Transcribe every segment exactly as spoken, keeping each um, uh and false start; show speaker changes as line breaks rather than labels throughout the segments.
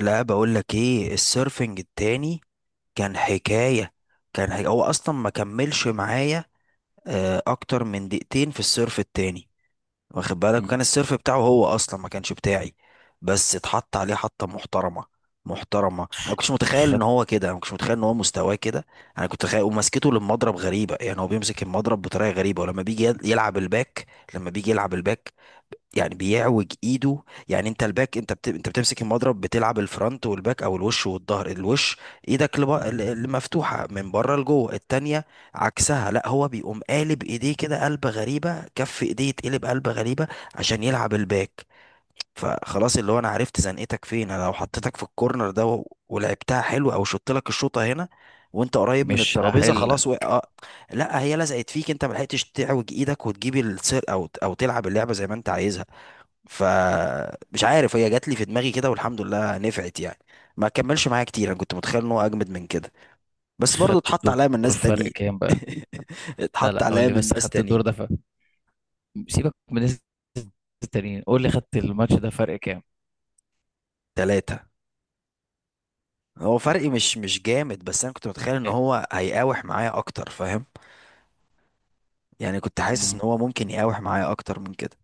لا، بقول لك ايه؟ السيرفنج التاني كان حكاية. كان حكاية. هو اصلا ما كملش معايا آه، اكتر من دقيقتين في السيرف التاني. واخد بالك؟
مم.
وكان السيرف بتاعه هو اصلا ما كانش بتاعي، بس اتحط عليه حطة محترمة. محترمة، انا كنتش متخيل ان هو كده، انا كنتش متخيل ان هو مستواه كده. انا كنت متخيل، ومسكته للمضرب غريبة، يعني هو بيمسك المضرب بطريقة غريبة. ولما بيجي يلعب الباك، لما بيجي يلعب الباك يعني بيعوج ايده. يعني انت الباك، انت بت... انت بتمسك المضرب، بتلعب الفرونت والباك او الوش والظهر. الوش ايدك لب... ال- ال- مفتوحه من بره لجوه، التانية عكسها. لا، هو بيقوم قالب ايديه كده، قلبه غريبه، كف ايديه يتقلب، قلبه غريبه عشان يلعب الباك. فخلاص، اللي هو انا عرفت زنقتك فين. انا لو حطيتك في الكورنر ده و... ولعبتها حلو، او شطت لك الشوطه هنا وانت قريب من
فمش
الترابيزه
هحل
خلاص و...
لك.
آه. لا، هي لزقت فيك، انت ما لحقتش تعوج ايدك وتجيب السير او او تلعب اللعبه زي ما انت عايزها. فمش عارف، هي جات لي في دماغي كده والحمد لله نفعت يعني. ما كملش معايا كتير، انا كنت متخيل ان هو اجمد من كده. بس برضه
خدت
اتحط عليا من
الدور.
ناس
فرق
تانيين.
كام بقى؟ لا
اتحط
لا، قول
عليا
لي
من
بس،
ناس
خدت الدور
تانيين.
ده ف... سيبك من الناس التانيين، قول لي خدت الماتش ده فرق كام؟
تلاتة. هو
يعني
فرقي مش مش جامد، بس انا كنت متخيل ان
إيه؟
هو هيقاوح معايا اكتر، فاهم؟ يعني كنت حاسس ان
مم.
هو ممكن يقاوح معايا اكتر من كده.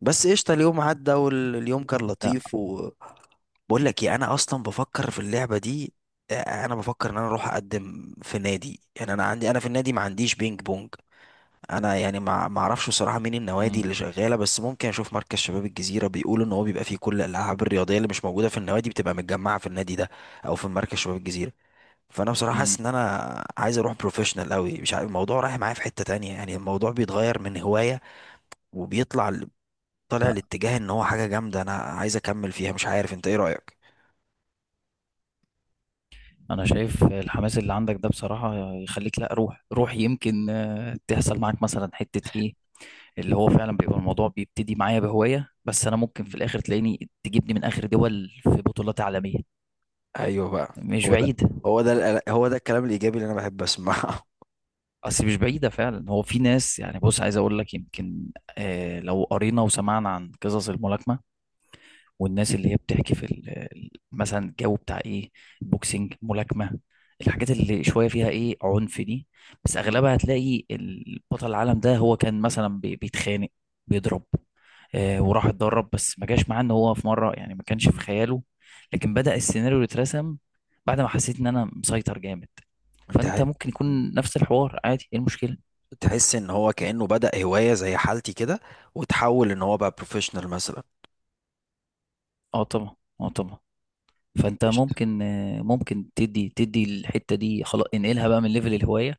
بس قشطة، اليوم عدى واليوم كان
لا.
لطيف و... بقول لك ايه؟ انا اصلا بفكر في اللعبة دي. آه، انا بفكر ان انا اروح اقدم في نادي. يعني انا عندي، انا في النادي ما عنديش بينج بونج. انا يعني ما ما اعرفش بصراحة مين النوادي
مم.
اللي شغالة، بس ممكن اشوف مركز شباب الجزيرة. بيقولوا ان هو بيبقى فيه كل الالعاب الرياضية اللي مش موجودة في النوادي بتبقى متجمعة في النادي ده، او في مركز شباب الجزيرة. فانا بصراحة
مم.
حاسس ان انا عايز اروح بروفيشنال قوي، مش عارف الموضوع رايح معايا في حتة تانية. يعني الموضوع بيتغير من هواية وبيطلع، طالع
لا،
الاتجاه ان هو حاجه جامده انا عايز اكمل فيها. مش عارف انت ايه رايك.
انا شايف الحماس اللي عندك ده بصراحة يخليك. لا، روح روح يمكن آه، تحصل معاك مثلا حتة ايه. اللي هو فعلا بيبقى الموضوع بيبتدي معايا بهواية، بس انا ممكن في الاخر تلاقيني تجيبني من اخر دول في بطولات عالمية.
ايوه بقى.
مش
هو ده،
بعيد.
هو ده القل- هو ده الكلام الايجابي اللي انا بحب اسمعه.
اصل مش بعيدة فعلا، هو في ناس يعني، بص عايز اقول لك، يمكن آه لو قرينا وسمعنا عن قصص الملاكمة والناس اللي هي بتحكي في ال- ال- مثلا الجو بتاع ايه، بوكسنج، ملاكمة، الحاجات اللي شوية فيها ايه عنف دي. بس
مم.
اغلبها هتلاقي البطل العالم ده هو كان مثلا بي- بيتخانق، بيضرب، آه، وراح اتدرب، بس ما جاش معاه ان هو في مرة يعني ما كانش في
مم.
خياله. لكن بدأ السيناريو يترسم بعد ما حسيت ان انا مسيطر جامد.
انت ع-
فانت ممكن
مم.
يكون نفس الحوار عادي، ايه المشكلة؟
تحس ان هو كانه بدا هوايه زي حالتي كده، وتحول ان هو بقى بروفيشنال مثلا.
اه طبعا، اه طبعا. فانت
قشطة.
ممكن آه، ممكن تدي تدي الحته دي، خلاص انقلها بقى من ليفل الهوايه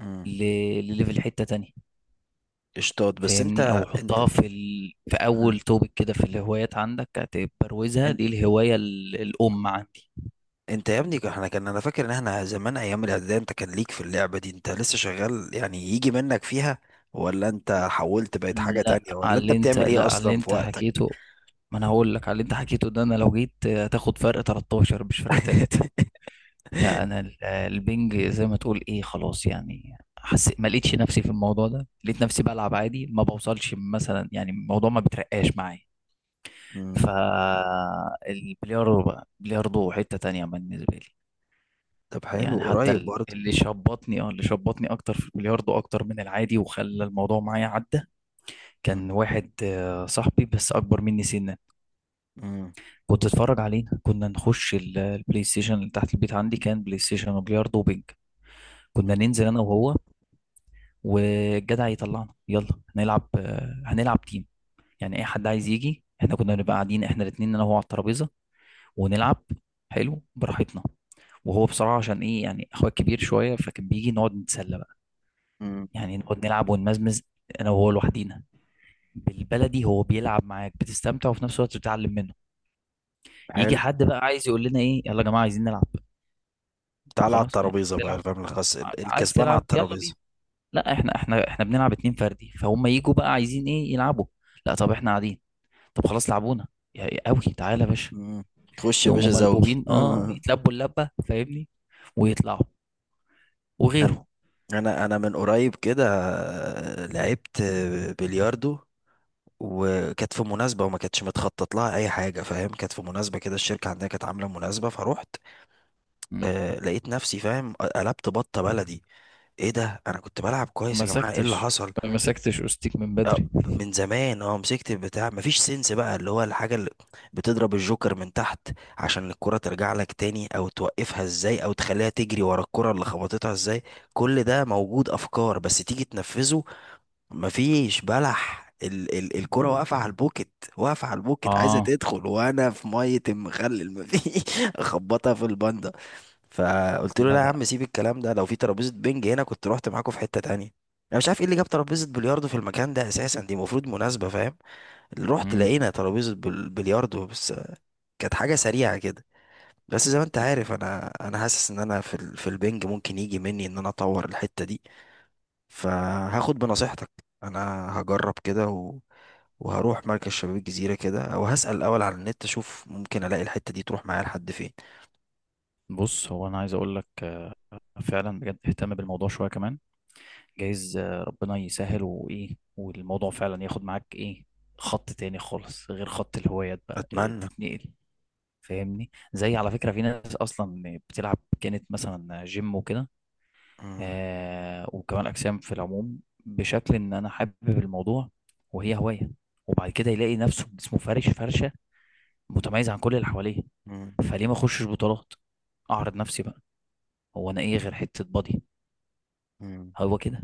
مم.
ل- لليفل حته تانية،
قشطات. بس
فاهمني؟
انت،
او
انت.
حطها في ال... في
مم.
اول توبك كده في الهوايات عندك، تبروزها،
ان-
دي الهوايه ال... الام عندي.
انت يا ابني، احنا كان، انا فاكر ان احنا زمان ايام الاعداديه انت كان ليك في اللعبه دي. انت لسه شغال يعني يجي منك فيها؟ ولا انت حولت بقيت حاجه تانية؟
لا
ولا
على
انت
اللي انت
بتعمل ايه
لا على اللي
اصلا في
انت
وقتك؟
حكيته، ما انا هقول لك على اللي انت حكيته ده، انا لو جيت آه، هتاخد فرق تلتاشر مش فرق تلاتة. لا انا ال- البنج زي ما تقول ايه، خلاص يعني حسيت ما لقيتش نفسي في الموضوع ده، لقيت نفسي بلعب عادي ما بوصلش مثلا، يعني الموضوع ما بترقاش معايا.
مم.
فالبلياردو بقى بلياردو حتة تانية بالنسبة لي.
طب حلو،
يعني حتى
قريب
ال-
برضه.
اللي شبطني، اه، اللي شبطني اكتر في البلياردو اكتر من العادي وخلى الموضوع معايا عدى، كان
مم.
واحد آه، صاحبي بس اكبر مني سنا.
مم.
كنت اتفرج علينا، كنا نخش ال- البلاي ستيشن اللي تحت البيت، عندي كان بلاي ستيشن وبلياردو وبنج.
مم.
كنا ننزل انا وهو والجدع يطلعنا، يلا هنلعب آه، هنلعب تيم، يعني اي حد عايز يجي. احنا كنا بنبقى قاعدين احنا الاثنين انا وهو على الترابيزه ونلعب حلو براحتنا. وهو بصراحه عشان ايه، يعني اخويا كبير شويه فكان بيجي نقعد نتسلى بقى،
مم.
يعني نقعد نلعب ونمزمز انا وهو لوحدينا. بالبلدي هو بيلعب معاك بتستمتع وفي نفس الوقت بتتعلم منه. يجي
حلو.
حد بقى عايز يقول لنا ايه، يلا يا جماعه عايزين نلعب. طب
تعالى على
خلاص ما عايز
الترابيزة بقى،
تلعب،
الفاهم الخاص، ال-
عايز
الكسبان على
تلعب يلا
الترابيزة.
بينا. لا احنا احنا احنا بنلعب اتنين فردي، فهم يجوا بقى عايزين ايه يلعبوا. لا طب احنا قاعدين. طب خلاص لعبونا. يا قوي تعالى يا باشا.
مم. تخش يا
يقوموا
باشا زوجي
ملبوبين، اه، يتلبوا اللبه، فاهمني؟ ويطلعوا
انا
وغيره.
انا أنا من قريب كده لعبت بلياردو. وكانت في مناسبة، وما كانتش متخطط لها أي حاجة، فاهم؟ كانت في مناسبة كده، الشركة عندنا كانت عاملة مناسبة فروحت.
مم.
آه، لقيت نفسي، فاهم، قلبت بطة بلدي. ايه ده؟ انا كنت بلعب
ما
كويس يا جماعه، ايه اللي
مسكتش،
حصل؟
ما مسكتش أوستيك من
آه،
بدري.
من زمان اه مسكت البتاع، مفيش سنس بقى. اللي هو الحاجة اللي بتضرب الجوكر من تحت عشان الكرة ترجع لك تاني، او توقفها ازاي، او تخليها تجري ورا الكرة اللي خبطتها ازاي. كل ده موجود افكار، بس تيجي تنفذه مفيش بلح. ال ال الكرة واقفة على البوكت، واقفة على البوكت عايزة
اه.
تدخل، وأنا في مية المخلل مفيش أخبطها في الباندا. فقلت له
لا
لا يا
لا.
عم، سيب الكلام ده. لو في ترابيزة بنج هنا كنت رحت معاكم في حتة تانية. أنا مش عارف إيه اللي جاب ترابيزة بلياردو في المكان ده أساسا، دي المفروض مناسبة، فاهم؟ رحت
مم.
لقينا ترابيزة بل- بلياردو بس. كانت حاجة سريعة كده. بس زي ما أنت عارف، أنا أنا حاسس إن أنا في ال في البنج ممكن يجي مني إن أنا أطور الحتة دي. فهاخد بنصيحتك. انا هجرب كده و... وهروح مركز شباب الجزيرة كده، او هسأل الاول على النت، اشوف ممكن الاقي الحتة دي تروح معايا لحد فين.
بص هو انا عايز اقول لك آه، فعلا بجد اهتم بالموضوع شويه كمان، جايز آه، ربنا يسهل وايه، والموضوع فعلا ياخد معاك ايه، خط تاني خالص غير خط الهوايات، بقى إيه
اتمنى.
تتنقل، فاهمني؟ زي على فكره في ناس اصلا بتلعب كانت مثلا جيم وكده،
مم.
آه، وكمال أجسام، في العموم بشكل إن أنا حابب الموضوع وهي هواية، وبعد كده يلاقي نفسه جسمه فارش فرشة متميز عن كل اللي حواليه.
مم.
فليه ما أخشش بطولات، أعرض نفسي بقى، هو أنا إيه غير حتة بادي.
مم.
هو كده،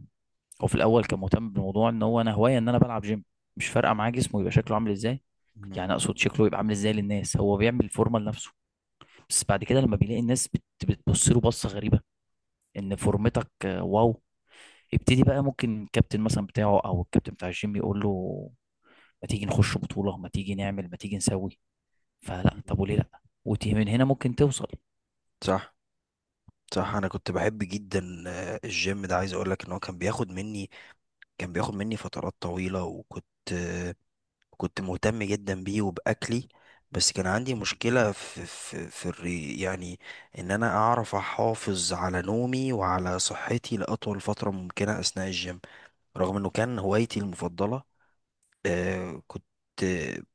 هو في الأول كان مهتم بالموضوع إن هو أنا هواية إن أنا بلعب جيم، مش فارقة معاه جسمه يبقى شكله عامل إزاي،
مم.
يعني أقصد شكله يبقى عامل إزاي للناس، هو بيعمل فورمة لنفسه. بس بعد كده لما بيلاقي الناس بت- بتبص له بصة غريبة، إن فورمتك آه، واو، يبتدي بقى ممكن الكابتن مثلا بتاعه او الكابتن بتاع الجيم يقول له ما تيجي نخش بطولة، ما تيجي نعمل، ما تيجي نسوي. فلا
مم.
طب وليه لا، وتي من هنا ممكن توصل.
صح. صح، انا كنت بحب جدا آه، الجيم ده. عايز اقول لك ان هو كان بياخد مني، كان بياخد مني فترات طويلة. وكنت، كنت مهتم جدا بيه وبأكلي. بس كان عندي مشكلة في، في في الري يعني، إن أنا أعرف أحافظ على نومي وعلى صحتي لأطول فترة ممكنة أثناء الجيم، رغم إنه كان هوايتي المفضلة. آه كنت،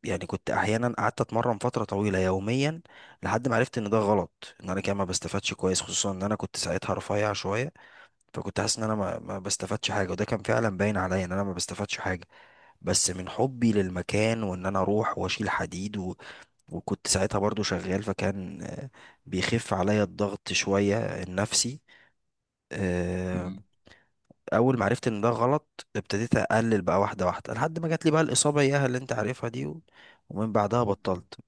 يعني كنت أحيانا قعدت أتمرن فترة طويلة يوميا، لحد ما عرفت إن ده غلط، إن أنا كده ما بستفادش كويس، خصوصا إن أنا كنت ساعتها رفيع شوية. فكنت حاسس إن أنا ما ما بستفادش حاجة، وده كان فعلا باين عليا إن أنا ما بستفادش حاجة. بس من حبي للمكان، وان انا اروح واشيل حديد و... وكنت ساعتها برضو شغال، فكان آه، بيخف عليا الضغط شوية، النفسي. آه،
م-
اول ما عرفت ان ده غلط، ابتديت اقلل بقى واحدة واحدة لحد ما جات لي بقى الاصابة اياها اللي انت عارفها دي و... ومن بعدها بطلت.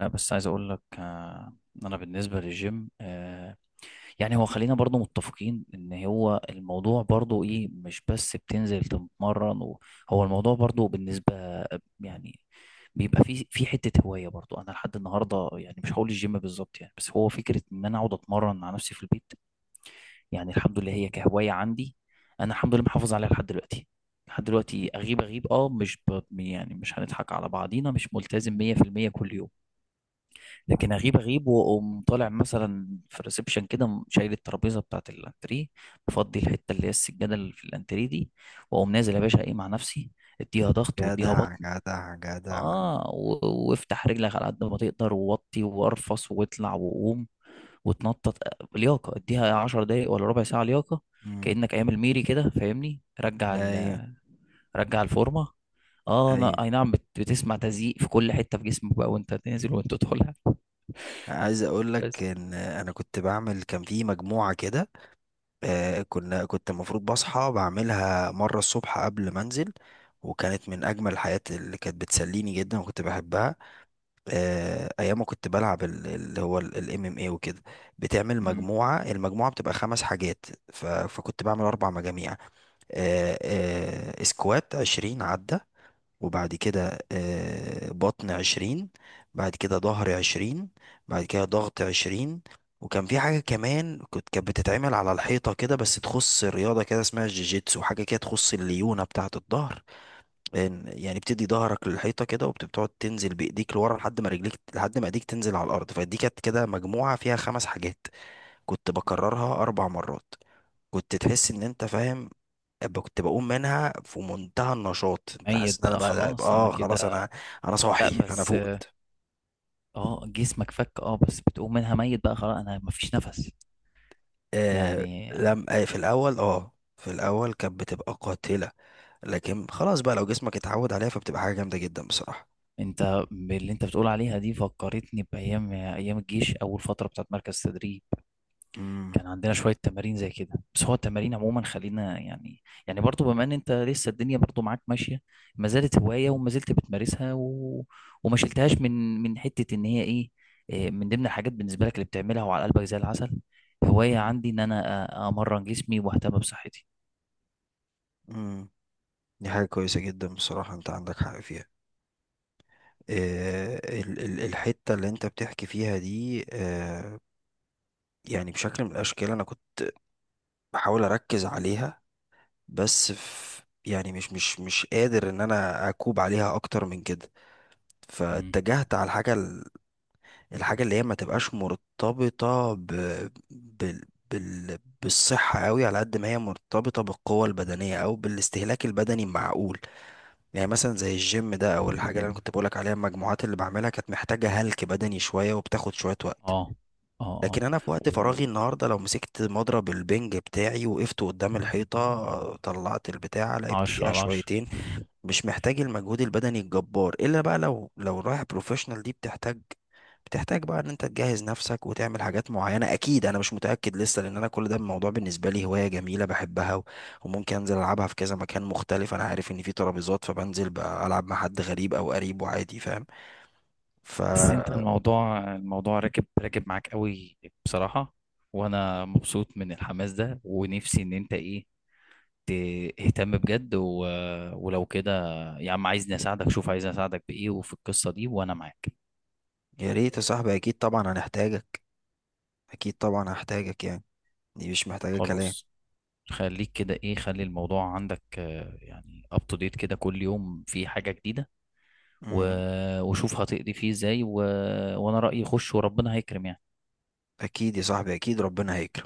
لا بس عايز اقول لك آه، إن انا بالنسبة للجيم آه، يعني هو خلينا برضو متفقين ان هو الموضوع برضو ايه، مش بس بتنزل تتمرن و- هو الموضوع برضو بالنسبة، يعني بيبقى في في حته هوايه برضو انا لحد النهارده، يعني مش هقول الجيم بالظبط يعني، بس هو فكره ان انا اقعد اتمرن مع نفسي في البيت. يعني الحمد لله هي كهواية عندي، أنا الحمد لله محافظ عليها لحد دلوقتي. لحد دلوقتي أغيب أغيب أه مش ب... يعني مش هنضحك على بعضينا، مش ملتزم
مم.
ميه في الميه كل يوم. لكن أغيب أغيب وأقوم طالع مثلا في الريسبشن كده م- شايل الترابيزة بتاعة الأنتريه، مفضي الحتة اللي هي السجادة اللي في الأنتريه دي، وأقوم نازل يا باشا إيه مع نفسي، اديها ضغط واديها
جدع
بطن،
جدع جدع.
اه، و- وافتح رجلك على قد ما تقدر ووطي وارفص واطلع وقوم وتنطط، لياقه، اديها عشر دقايق ولا ربع ساعه لياقه،
مم.
كانك ايام الميري كده، فاهمني؟ رجع
ايوه.
ال... رجع الفورمه، اه،
ايوه،
انا اي نعم بت... بتسمع تزييق في كل حته في جسمك بقى وانت تنزل وانت تدخل.
عايز اقول لك
بس
ان انا كنت بعمل، كان في مجموعة كده. آه، كنا، كنت المفروض بصحى بعملها مرة الصبح قبل ما انزل. وكانت من اجمل الحاجات اللي كانت بتسليني جدا وكنت بحبها. آه، ايام ما كنت بلعب ال- اللي هو الام ام اي وكده. بتعمل
مم.
مجموعة، المجموعة بتبقى خمس حاجات. ف- فكنت بعمل اربع مجاميع. آه، آه، سكوات عشرين عدة. وبعد كده آه، بطن عشرين. بعد كده ظهر عشرين. بعد كده ضغط عشرين. وكان في حاجة كمان، كنت، كانت بتتعمل على الحيطة كده، بس تخص الرياضة كده، اسمها الجيجيتسو، حاجة كده تخص الليونة بتاعة الظهر. لأن- يعني بتدي ظهرك للحيطة كده، وبتقعد تنزل بإيديك لورا لحد ما رجليك، لحد ما إيديك تنزل على الأرض. فدي كانت كده مجموعة فيها خمس حاجات، كنت بكررها أربع مرات. كنت تحس إن أنت، فاهم، ب- كنت بقوم منها في منتهى النشاط. انت
ميت
حاسس ان انا
بقى
بقى بقى-
خلاص انا
اه خلاص
كده.
انا، انا
لا
صاحي، انا
بس،
فقت.
اه جسمك فك، اه بس بتقوم منها ميت بقى خلاص انا مفيش نفس
آه
يعني.
لم آه في الاول، اه في الاول كانت بتبقى قاتلة، لكن خلاص بقى لو جسمك اتعود عليها فبتبقى حاجة جامدة جدا بصراحة.
انت باللي انت بتقول عليها دي فكرتني بايام، ايام الجيش اول فتره بتاعت مركز تدريب،
امم.
كان عندنا شوية تمارين زي كده. بس هو التمارين عموما خلينا يعني، يعني برضو بما ان انت لسه الدنيا برضو معاك ماشية، ما زالت هواية وما زلت بتمارسها، و... وما شلتهاش من من حتة ان هي ايه، إيه من ضمن الحاجات بالنسبة لك اللي بتعملها وعلى قلبك زي العسل، هواية
امم.
عندي ان انا أ- امرن جسمي واهتم بصحتي.
امم. دي حاجة كويسة جدا بصراحة، انت عندك حق فيها. آه ال ال الحتة اللي انت بتحكي فيها دي، آه يعني بشكل من الاشكال انا كنت بحاول اركز عليها. بس في يعني مش مش مش قادر ان انا اكوب عليها اكتر من كده.
مم.
فاتجهت على الحاجه ال- الحاجه اللي هي ما تبقاش مرتبطه ب... بال... بال... بالصحه قوي، على قد ما هي مرتبطه بالقوه البدنيه او بالاستهلاك البدني المعقول. يعني مثلا زي الجيم ده، او الحاجه اللي انا كنت بقولك عليها، المجموعات اللي بعملها كانت محتاجه هلك بدني شويه وبتاخد شويه وقت.
اه اه.
لكن
اه
انا في وقت
و-
فراغي النهارده لو مسكت مضرب البنج بتاعي، وقفت قدام الحيطه، طلعت البتاع لعبت
عشرة
بيها
على عشرة.
شويتين، مش محتاج المجهود البدني الجبار. الا بقى لو لو رايح بروفيشنال، دي بتحتاج، بتحتاج بقى ان انت تجهز نفسك وتعمل حاجات معينة. اكيد انا مش متأكد لسه، لان انا كل ده الموضوع بالنسبة لي هواية جميلة بحبها و- وممكن انزل العبها في كذا مكان مختلف. انا عارف ان في ترابيزات، فبنزل بقى العب مع حد غريب او قريب وعادي، فاهم؟ ف...
بس انت الموضوع، الموضوع راكب راكب معاك قوي بصراحة، وانا مبسوط من الحماس ده، ونفسي ان انت ايه، ت- اهتم بجد، و... ولو كده يا عم، عايزني اساعدك، شوف عايزني اساعدك بايه وفي القصة دي وانا معاك.
يا ريت يا صاحبي، اكيد طبعا هنحتاجك، اكيد طبعا هحتاجك يعني. دي مش محتاجة كلام.
خلاص، خليك كده ايه، خلي الموضوع عندك آه، يعني اب تو ديت كده، كل يوم في حاجة جديدة، و...
مم.
وشوف هتقضي فيه ازاي، و... وانا رأيي خش وربنا هيكرم يعني.
اكيد يا صاحبي، اكيد ربنا هيكرم.